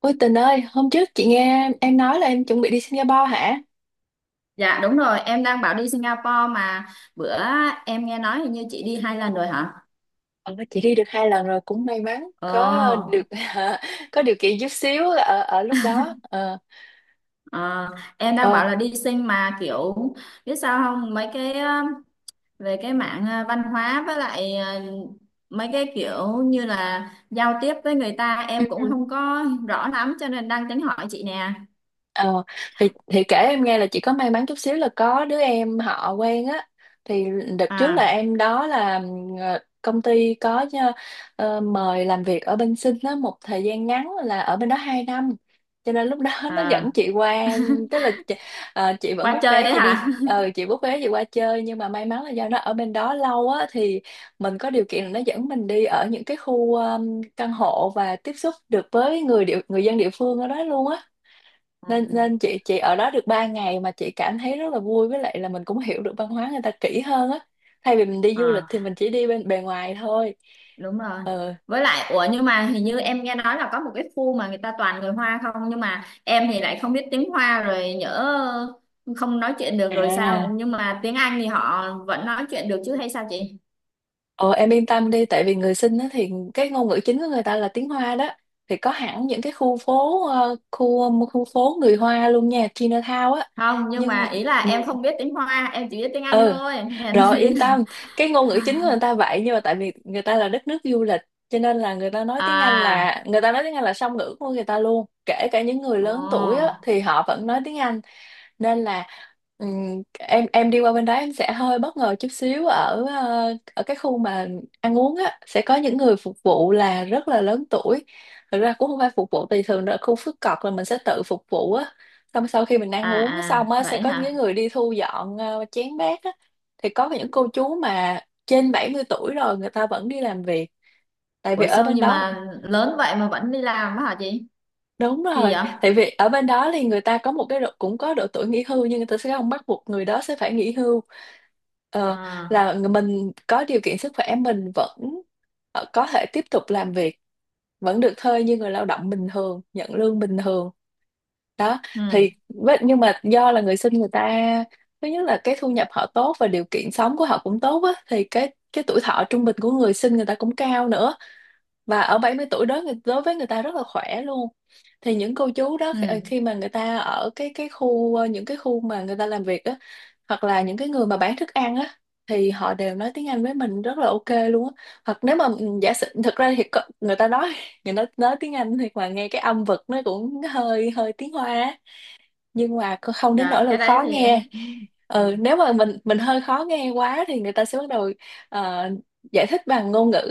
Ôi Tình ơi, hôm trước chị nghe em nói là em chuẩn bị đi Singapore hả? Dạ đúng rồi, em đang bảo đi Singapore mà bữa em nghe nói hình như chị đi hai lần rồi hả? Ờ, chị đi được 2 lần rồi, cũng may mắn có Ồ, được có điều kiện chút xíu ở ở lúc đó. Ờ, ờ, em đang ờ. bảo là đi Sing mà kiểu biết sao không mấy về văn hóa với mấy cái kiểu như là giao tiếp với người ta em cũng không có rõ lắm cho nên đang tính hỏi chị nè. Ờ, thì kể em nghe là chị có may mắn chút xíu là có đứa em họ quen á, thì đợt trước là À, em đó là công ty có mời làm việc ở bên Sinh á một thời gian ngắn, là ở bên đó 2 năm, cho nên lúc đó nó à, dẫn chị qua, tức là chị vẫn qua book chơi vé đấy chị đi, hả? Chị book vé chị qua chơi, nhưng mà may mắn là do nó ở bên đó lâu á, thì mình có điều kiện là nó dẫn mình đi ở những cái khu căn hộ, và tiếp xúc được với người dân địa phương ở đó luôn á, nên nên chị ở đó được 3 ngày mà chị cảm thấy rất là vui, với lại là mình cũng hiểu được văn hóa người ta kỹ hơn á, thay vì mình đi À. du lịch thì Ờ. mình chỉ đi bên bề ngoài thôi. Đúng rồi ờ với lại ủa nhưng mà hình như em nghe nói là có một cái khu mà người ta toàn người Hoa không nhưng mà em thì lại không biết tiếng Hoa rồi nhỡ không nói chuyện được rồi sao à nhưng mà tiếng Anh thì họ vẫn nói chuyện được chứ hay sao chị ờ em yên tâm đi, tại vì người sinh á thì cái ngôn ngữ chính của người ta là tiếng Hoa đó, thì có hẳn những cái khu phố, khu khu phố người Hoa luôn nha, Chinatown á. không nhưng nhưng mà ý là ừ, em không biết tiếng Hoa em chỉ biết tiếng Anh ừ. thôi nghe Rồi chị. yên tâm, cái ngôn ngữ chính của người ta vậy, nhưng mà tại vì người ta là đất nước du lịch, cho nên là người ta nói tiếng Anh, là À, người ta nói tiếng Anh, là song ngữ của người ta luôn. Kể cả những người lớn tuổi á, ồ, thì họ vẫn nói tiếng Anh, nên là em đi qua bên đó em sẽ hơi bất ngờ chút xíu ở ở cái khu mà ăn uống á, sẽ có những người phục vụ là rất là lớn tuổi. Thực ra cũng không phải phục vụ, thì thường ở khu phức cọc là mình sẽ tự phục vụ á, xong sau khi mình ăn à uống xong à á, sẽ vậy có những cái hả? người đi thu dọn chén bát á, thì có những cô chú mà trên 70 tuổi rồi người ta vẫn đi làm việc, tại vì Ủa ở sao bên nhưng đó. mà lớn vậy mà vẫn đi làm á hả chị, Đúng kỳ rồi, vậy. tại vì ở bên đó thì người ta có một cái độ, cũng có độ tuổi nghỉ hưu, nhưng người ta sẽ không bắt buộc người đó sẽ phải nghỉ hưu. Ờ, À, mình có điều kiện sức khỏe mình vẫn có thể tiếp tục làm việc, vẫn được thuê như người lao động bình thường, nhận lương bình thường. Đó, ừ, nhưng mà do là người sinh, người ta thứ nhất là cái thu nhập họ tốt, và điều kiện sống của họ cũng tốt á, thì cái tuổi thọ trung bình của người sinh người ta cũng cao nữa, và ở 70 tuổi đó đối với người ta rất là khỏe luôn. Thì những cô chú đó khi ừ, khi mà người ta ở những cái khu mà người ta làm việc á, hoặc là những cái người mà bán thức ăn á, thì họ đều nói tiếng Anh với mình rất là ok luôn á. Hoặc nếu mà giả sử, thực ra thì có- người ta nói người ta nói tiếng Anh thì mà nghe cái âm vực nó cũng hơi hơi tiếng Hoa á, nhưng mà cô không đến nỗi dạ là cái đấy khó thì em nghe. ừ. Ừ, nếu mà mình hơi khó nghe quá thì người ta sẽ bắt đầu ờ, giải thích bằng ngôn ngữ,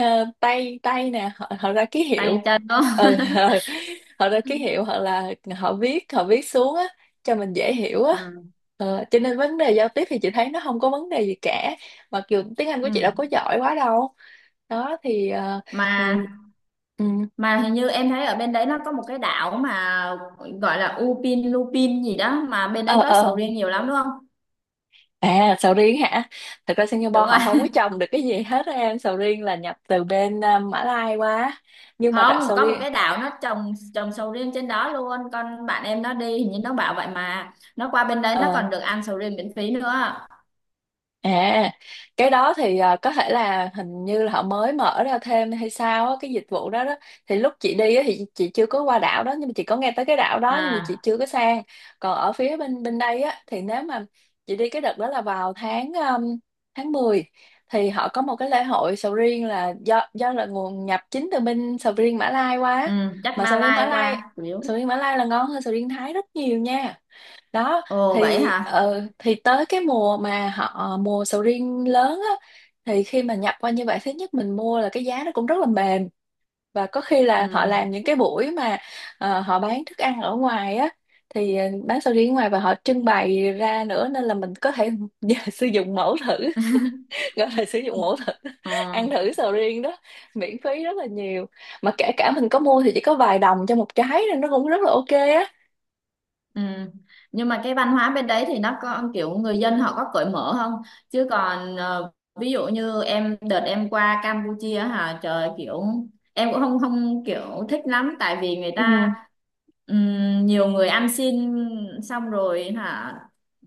tay tay nè, họ ra ký Tay hiệu. chân Ừ, đó ừ. Họ ra ký hiệu, hoặc là họ viết xuống á cho mình dễ hiểu á. ừ. Ờ, cho nên vấn đề giao tiếp thì chị thấy nó không có vấn đề gì cả, mặc dù tiếng Anh của Ừ. chị đâu có giỏi quá đâu. Đó thì ừ, mà ừ. mà hình như em thấy ở bên đấy nó có một cái đảo mà gọi là Upin Lupin gì đó mà bên đấy ờ có sầu ờ riêng nhiều lắm đúng không? À, sầu riêng hả? Thật ra Singapore Đúng rồi họ không có trồng được cái gì hết á em. Sầu riêng là nhập từ bên Mã Lai qua. Nhưng mà đặc không, sầu có một riêng cái đảo nó trồng trồng sầu riêng trên đó luôn, con bạn em nó đi hình như nó bảo vậy, mà nó qua bên đấy nó ờ, còn được ăn sầu riêng miễn phí nữa. À, cái đó thì à, có thể là hình như là họ mới mở ra thêm hay sao á, cái dịch vụ đó đó. Thì lúc chị đi á, thì chị chưa có qua đảo đó, nhưng mà chị có nghe tới cái đảo đó, nhưng mà chị À, chưa có sang. Còn ở phía bên bên đây á, thì nếu mà chị đi cái đợt đó là vào tháng tháng 10, thì họ có một cái lễ hội sầu riêng là do là nguồn nhập chính từ bên sầu riêng Mã Lai qua á. ừ, chắc Mà sầu riêng Mã Malai Lai, qua chủ sầu yếu. riêng Mã Lai là ngon hơn sầu riêng Thái rất nhiều nha. Đó Ồ vậy thì hả? thì tới cái mùa mà họ mùa sầu riêng lớn á, thì khi mà nhập qua như vậy, thứ nhất mình mua là cái giá nó cũng rất là mềm, và có khi là họ Ừ. làm những cái buổi mà họ bán thức ăn ở ngoài á, thì bán sầu riêng ở ngoài và họ trưng bày ra nữa, nên là mình có thể sử dụng mẫu thử, gọi là sử dụng mẫu thử, ăn Ừ. thử sầu riêng đó miễn phí rất là nhiều, mà kể cả mình có mua thì chỉ có vài đồng cho một trái, nên nó cũng rất là ok á. Ừ. Nhưng mà cái văn hóa bên đấy thì nó có kiểu người dân họ có cởi mở không? Chứ còn ví dụ như em đợt em qua Campuchia hả trời, kiểu em cũng không, không kiểu thích lắm tại vì người Ừ. ta nhiều người ăn xin xong rồi hả,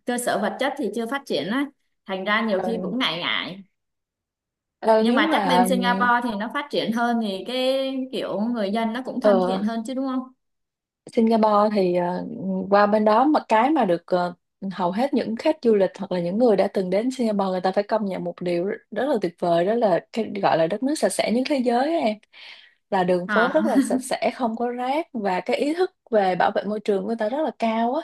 cơ sở vật chất thì chưa phát triển á, thành ra nhiều khi Ừ. cũng ngại ngại, Ờ, nhưng nếu mà chắc mà. bên Singapore thì nó phát triển hơn thì cái kiểu người dân nó cũng thân Ờ, thiện hơn chứ đúng không? Singapore thì qua bên đó mà cái mà được hầu hết những khách du lịch, hoặc là những người đã từng đến Singapore, người ta phải công nhận một điều rất, rất là tuyệt vời, đó là cái gọi là đất nước sạch sẽ nhất thế giới á em, là đường phố Hả? rất là sạch sẽ không có rác, và cái ý thức về bảo vệ môi trường của người ta rất là cao á.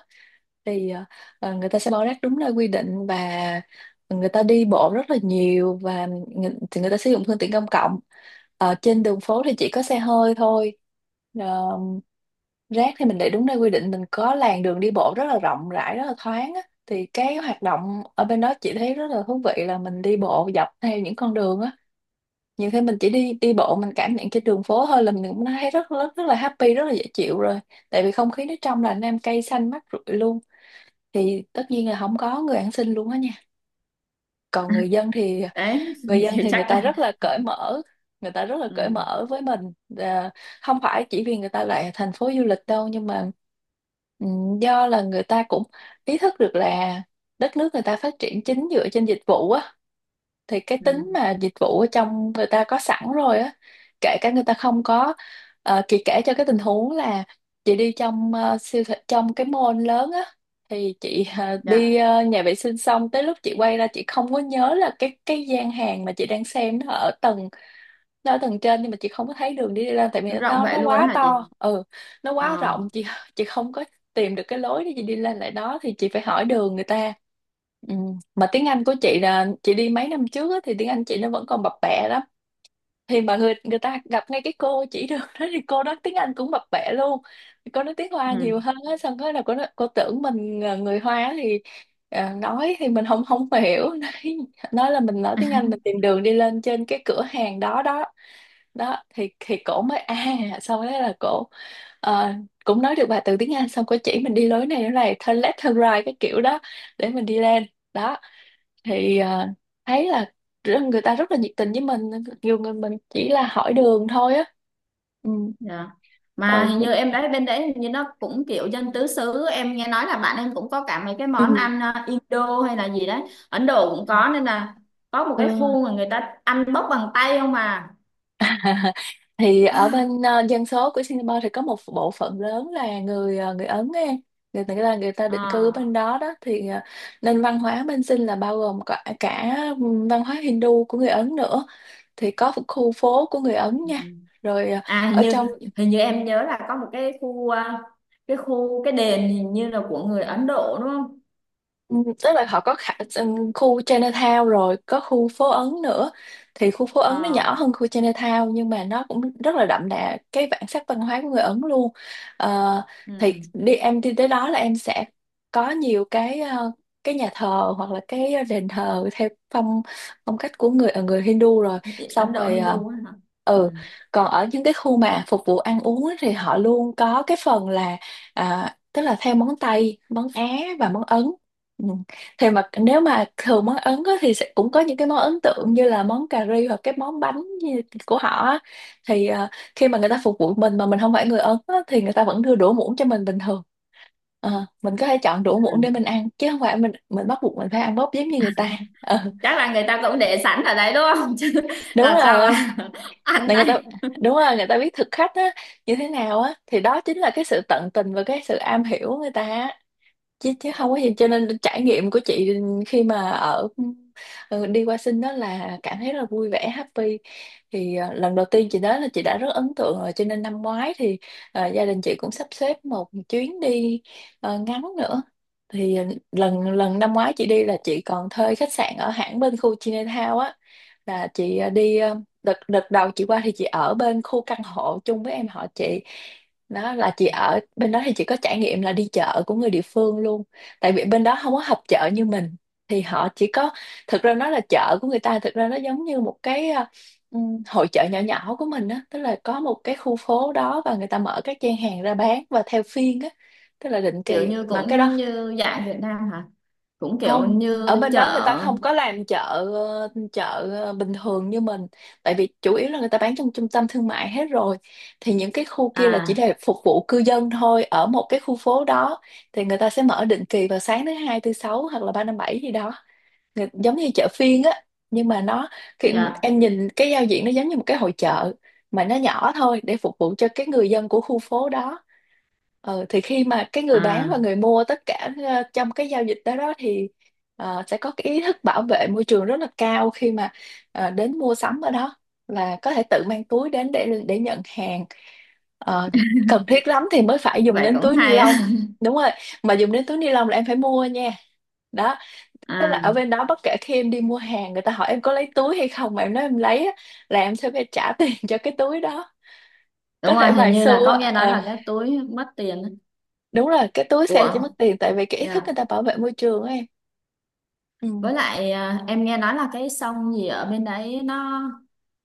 Thì người ta sẽ bỏ rác đúng nơi quy định, và người ta đi bộ rất là nhiều, và thì người ta sử dụng phương tiện công cộng. Ờ, trên đường phố thì chỉ có xe hơi thôi. Ờ, rác thì mình để đúng nơi quy định, mình có làn đường đi bộ rất là rộng rãi, rất là thoáng á, thì cái hoạt động ở bên đó chị thấy rất là thú vị, là mình đi bộ dọc theo những con đường á, nhiều khi mình chỉ đi đi bộ, mình cảm nhận cái đường phố thôi, là mình cũng thấy rất rất rất là happy, rất là dễ chịu rồi, tại vì không khí nó trong lành, nam cây xanh mát rượi luôn. Thì tất nhiên là không có người ăn xin luôn á nha. Còn người dân thì đấy thì người chắc ta là rất là cởi mở, người ta rất là cởi ừ. mở với mình. Và không phải chỉ vì người ta là thành phố du lịch đâu, nhưng mà ừ, do là người ta cũng ý thức được là đất nước người ta phát triển chính dựa trên dịch vụ á, thì cái Ừ, tính mà dịch vụ ở trong người ta có sẵn rồi á, kể cả người ta không có. Chị kể cho cái tình huống là chị đi trong siêu thị, trong cái mall lớn á, thì chị đi dạ nhà vệ sinh, xong tới lúc chị quay ra chị không có nhớ là cái gian hàng mà chị đang xem nó ở tầng, nó ở tầng trên, nhưng mà chị không có thấy đường đi lên, tại vì nó rộng nó vậy luôn quá hả chị? to. Ừ nó quá rộng Ờ, chị không có tìm được cái lối để chị đi lên lại đó, thì chị phải hỏi đường người ta. Ừ. Mà tiếng Anh của chị là chị đi mấy năm trước á, thì tiếng Anh chị nó vẫn còn bập bẹ lắm. Thì mà người người ta gặp ngay cái cô chỉ đường đó thì cô nói tiếng Anh cũng bập bẹ luôn. Cô nói tiếng Hoa ừ, nhiều hơn á, xong cái là cô nói, cô tưởng mình là người Hoa thì nói thì mình không không hiểu nói là mình nói tiếng Anh, mình tìm đường đi lên trên cái cửa hàng đó đó đó thì cổ mới à, xong đó là cổ ờ, cũng nói được vài từ tiếng Anh, xong cổ chỉ mình đi lối này turn left turn right cái kiểu đó để mình đi lên. Đó thì thấy là người ta rất là nhiệt tình với mình, nhiều người mình chỉ là hỏi đường thôi á. Ừ. dạ mà Ừ. hình như em đấy bên đấy hình như nó cũng kiểu dân tứ xứ, em nghe nói là bạn em cũng có cả mấy cái món Ừ. ăn Indo hay là gì đấy, Ấn Độ cũng có, nên là có một cái Ừ. khu mà người ta ăn bốc bằng tay không mà. Thì ở bên dân số của Singapore thì có một bộ phận lớn là người người Ấn ấy. Người ta là người ta định cư ở bên Ờ, đó đó thì nên văn hóa bên Sing là bao gồm cả văn hóa Hindu của người Ấn nữa, thì có khu phố của người Ấn nha. Rồi à hình ở như, trong. hình như em nhớ là có một cái khu cái đền hình như là của người Ấn Độ đúng không? Ừ, tức là họ có khu Chinatown rồi có khu phố Ấn nữa, thì khu phố Ấn nó Ờ, nhỏ hơn khu Chinatown nhưng mà nó cũng rất là đậm đà cái bản sắc văn hóa của người Ấn luôn. Ờ, ừ. thì đi em đi tới đó là em sẽ có nhiều cái cái nhà thờ hoặc là cái đền thờ theo phong phong cách của người người Hindu rồi, xong Ấn Độ rồi Hindu á hả? ừ. Còn ở những cái khu mà phục vụ ăn uống á thì họ luôn có cái phần là à, tức là theo món Tây, món Á và món Ấn. Ừ. Thì mà nếu mà thường món Ấn á, thì sẽ cũng có những cái món ấn tượng như là món cà ri hoặc cái món bánh của họ á. Thì khi mà người ta phục vụ mình mà mình không phải người Ấn á, thì người ta vẫn đưa đũa muỗng cho mình bình thường. Ờ, mình có thể chọn đũa Ừ. muỗng để mình ăn chứ không phải mình bắt buộc mình phải ăn bóp giống như người ta. Ờ, Chắc là người ta cũng để sẵn ở đấy đúng không chứ đúng làm sao rồi. mà ăn Là người ta, tay. đúng rồi, người ta biết thực khách á, như thế nào á, thì đó chính là cái sự tận tình và cái sự am hiểu người ta á. Chứ chứ không có gì, cho nên trải nghiệm của chị khi mà ở đi qua sinh đó là cảm thấy rất là vui vẻ, happy. Thì lần đầu tiên chị đến là chị đã rất ấn tượng rồi, cho nên năm ngoái thì gia đình chị cũng sắp xếp một chuyến đi ngắn nữa. Thì ờ, lần lần năm ngoái chị đi là chị còn thuê khách sạn ở hãng bên khu Chinatown á, là chị đi đợt đợt đầu chị qua thì chị ở bên khu căn hộ chung với em họ chị. Đó À, là chị ở bên đó thì chị có trải nghiệm là đi chợ của người địa phương luôn, tại vì bên đó không có họp chợ như mình. Thì họ chỉ có, thực ra nó là chợ của người ta, thực ra nó giống như một cái hội chợ nhỏ nhỏ của mình á, tức là có một cái khu phố đó và người ta mở các gian hàng ra bán và theo phiên á, tức là định kiểu kỳ như mà cái đó. cũng như dạng Việt Nam hả, cũng kiểu Không, ở như bên đó người ta chợ. không có làm chợ chợ bình thường như mình, tại vì chủ yếu là người ta bán trong trung tâm thương mại hết rồi. Thì những cái khu kia là chỉ À, để phục vụ cư dân thôi ở một cái khu phố đó, thì người ta sẽ mở định kỳ vào sáng thứ hai thứ sáu hoặc là ba năm bảy gì đó. Giống như chợ phiên á, nhưng mà nó, khi dạ, em nhìn cái giao diện nó giống như một cái hội chợ mà nó nhỏ thôi, để phục vụ cho cái người dân của khu phố đó. Ờ, thì khi mà cái người bán và à người mua tất cả trong cái giao dịch đó đó thì sẽ có cái ý thức bảo vệ môi trường rất là cao khi mà đến mua sắm ở đó, là có thể tự mang túi đến để nhận hàng. Ờ, cần thiết lắm thì mới phải dùng vậy đến cũng túi ni hay lông. á. Đúng rồi, mà dùng đến túi ni lông là em phải mua nha. Đó, tức là ở À, bên đó bất kể khi em đi mua hàng, người ta hỏi em có lấy túi hay không, mà em nói em lấy á, là em sẽ phải trả tiền cho cái túi đó. Có đúng rồi, thể hình vài như là xu có á. nghe nói Ờ, là cái túi mất tiền á. đúng rồi, cái túi xe chỉ Của, mất tiền tại vì cái ý thức người dạ ta bảo vệ môi trường ấy em. Ừ. với lại em nghe nói là cái sông gì ở bên đấy nó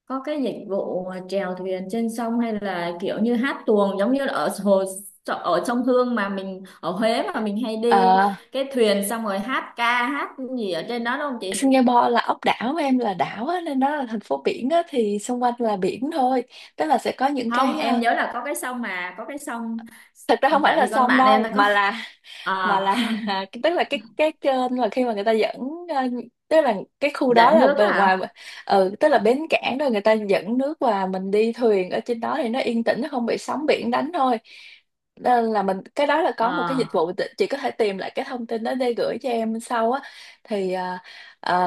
có cái dịch vụ mà chèo thuyền trên sông hay là kiểu như hát tuồng, giống như là ở hồ, ở sông Hương mà mình ở Huế mà mình hay đi Ờ, cái thuyền xong rồi hát, ca hát gì ở trên đó đúng không chị? Singapore là ốc đảo mà em, là đảo á, nên nó là thành phố biển á, thì xung quanh là biển thôi. Tức là sẽ có những cái Không, em nhớ là có cái sông mà có cái sông thật ra không phải tại là vì con sông bạn em đâu nó có, mà là, mà à, là tức là cái kênh mà khi mà người ta dẫn ờ, tức là cái khu đó dẫn là nước bề á ngoài. hả? Ừ, tức là bến cảng rồi người ta dẫn nước và mình đi thuyền ở trên đó thì nó yên tĩnh, nó không bị sóng biển đánh thôi. Nên là mình, cái đó là có một cái dịch À, vụ chị có thể tìm lại cái thông tin đó để gửi cho em sau á. Thì à,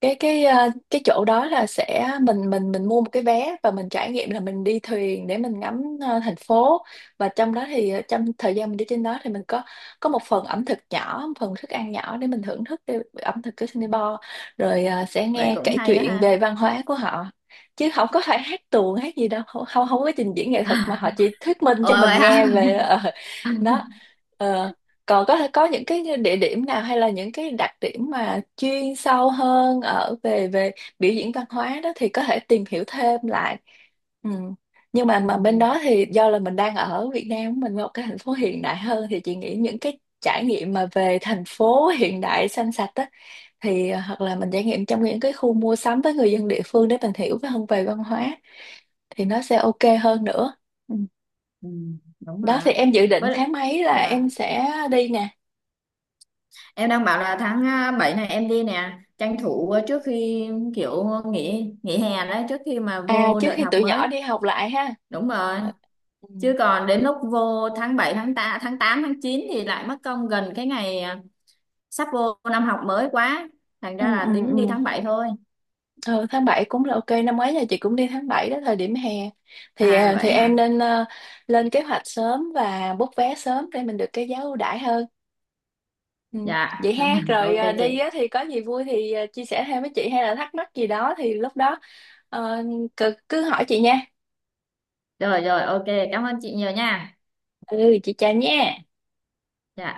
cái chỗ đó là sẽ mình mua một cái vé và mình trải nghiệm là mình đi thuyền để mình ngắm thành phố, và trong đó thì trong thời gian mình đi trên đó thì mình có một phần ẩm thực nhỏ, một phần thức ăn nhỏ để mình thưởng thức cái ẩm thực của Singapore, rồi sẽ vậy nghe cũng kể hay á chuyện ha. về văn hóa của họ, chứ không có phải hát tuồng hát gì đâu, không không không có trình diễn nghệ thuật mà họ chỉ thuyết minh cho Ờ mình vậy hả? nghe về đó. Ờ, còn có những cái địa điểm nào hay là những cái đặc điểm mà chuyên sâu hơn ở về về biểu diễn văn hóa đó thì có thể tìm hiểu thêm lại. Ừ. Nhưng mà Ừ, bên đó thì do là mình đang ở Việt Nam mình một cái thành phố hiện đại hơn, thì chị nghĩ những cái trải nghiệm mà về thành phố hiện đại xanh sạch á, thì hoặc là mình trải nghiệm trong những cái khu mua sắm với người dân địa phương để mình hiểu hơn về văn hóa, thì nó sẽ ok hơn nữa. Ừ. ừ, đúng rồi Đó, thì ạ. em dự định Với tháng mấy là dạ em sẽ đi nè? em đang bảo là tháng 7 này em đi nè, tranh thủ trước khi kiểu nghỉ nghỉ hè đấy, trước khi mà À, vô trước đợt khi học tụi nhỏ mới. đi học lại ha. Đúng rồi. Ừ. Chứ còn đến lúc vô tháng 7 tháng 8 tháng 8, tháng 9 thì lại mất công gần cái ngày sắp vô năm học mới quá. Thành ra Ừ, ừ, là tính đi ừ. tháng bảy thôi. Ừ, tháng 7 cũng là ok, năm ngoái nhà chị cũng đi tháng 7 đó, thời điểm hè. Thì À à, thì vậy em hả? nên lên kế hoạch sớm và book vé sớm để mình được cái giá ưu đãi hơn. Ừ. Dạ. Vậy ha, rồi Ok à, đi chị. á, thì có gì vui thì à, chia sẻ thêm với chị hay là thắc mắc gì đó thì lúc đó ờ, cứ hỏi chị nha. Rồi rồi, ok. Cảm ơn chị nhiều nha. Ừ, chị chào nha. Dạ.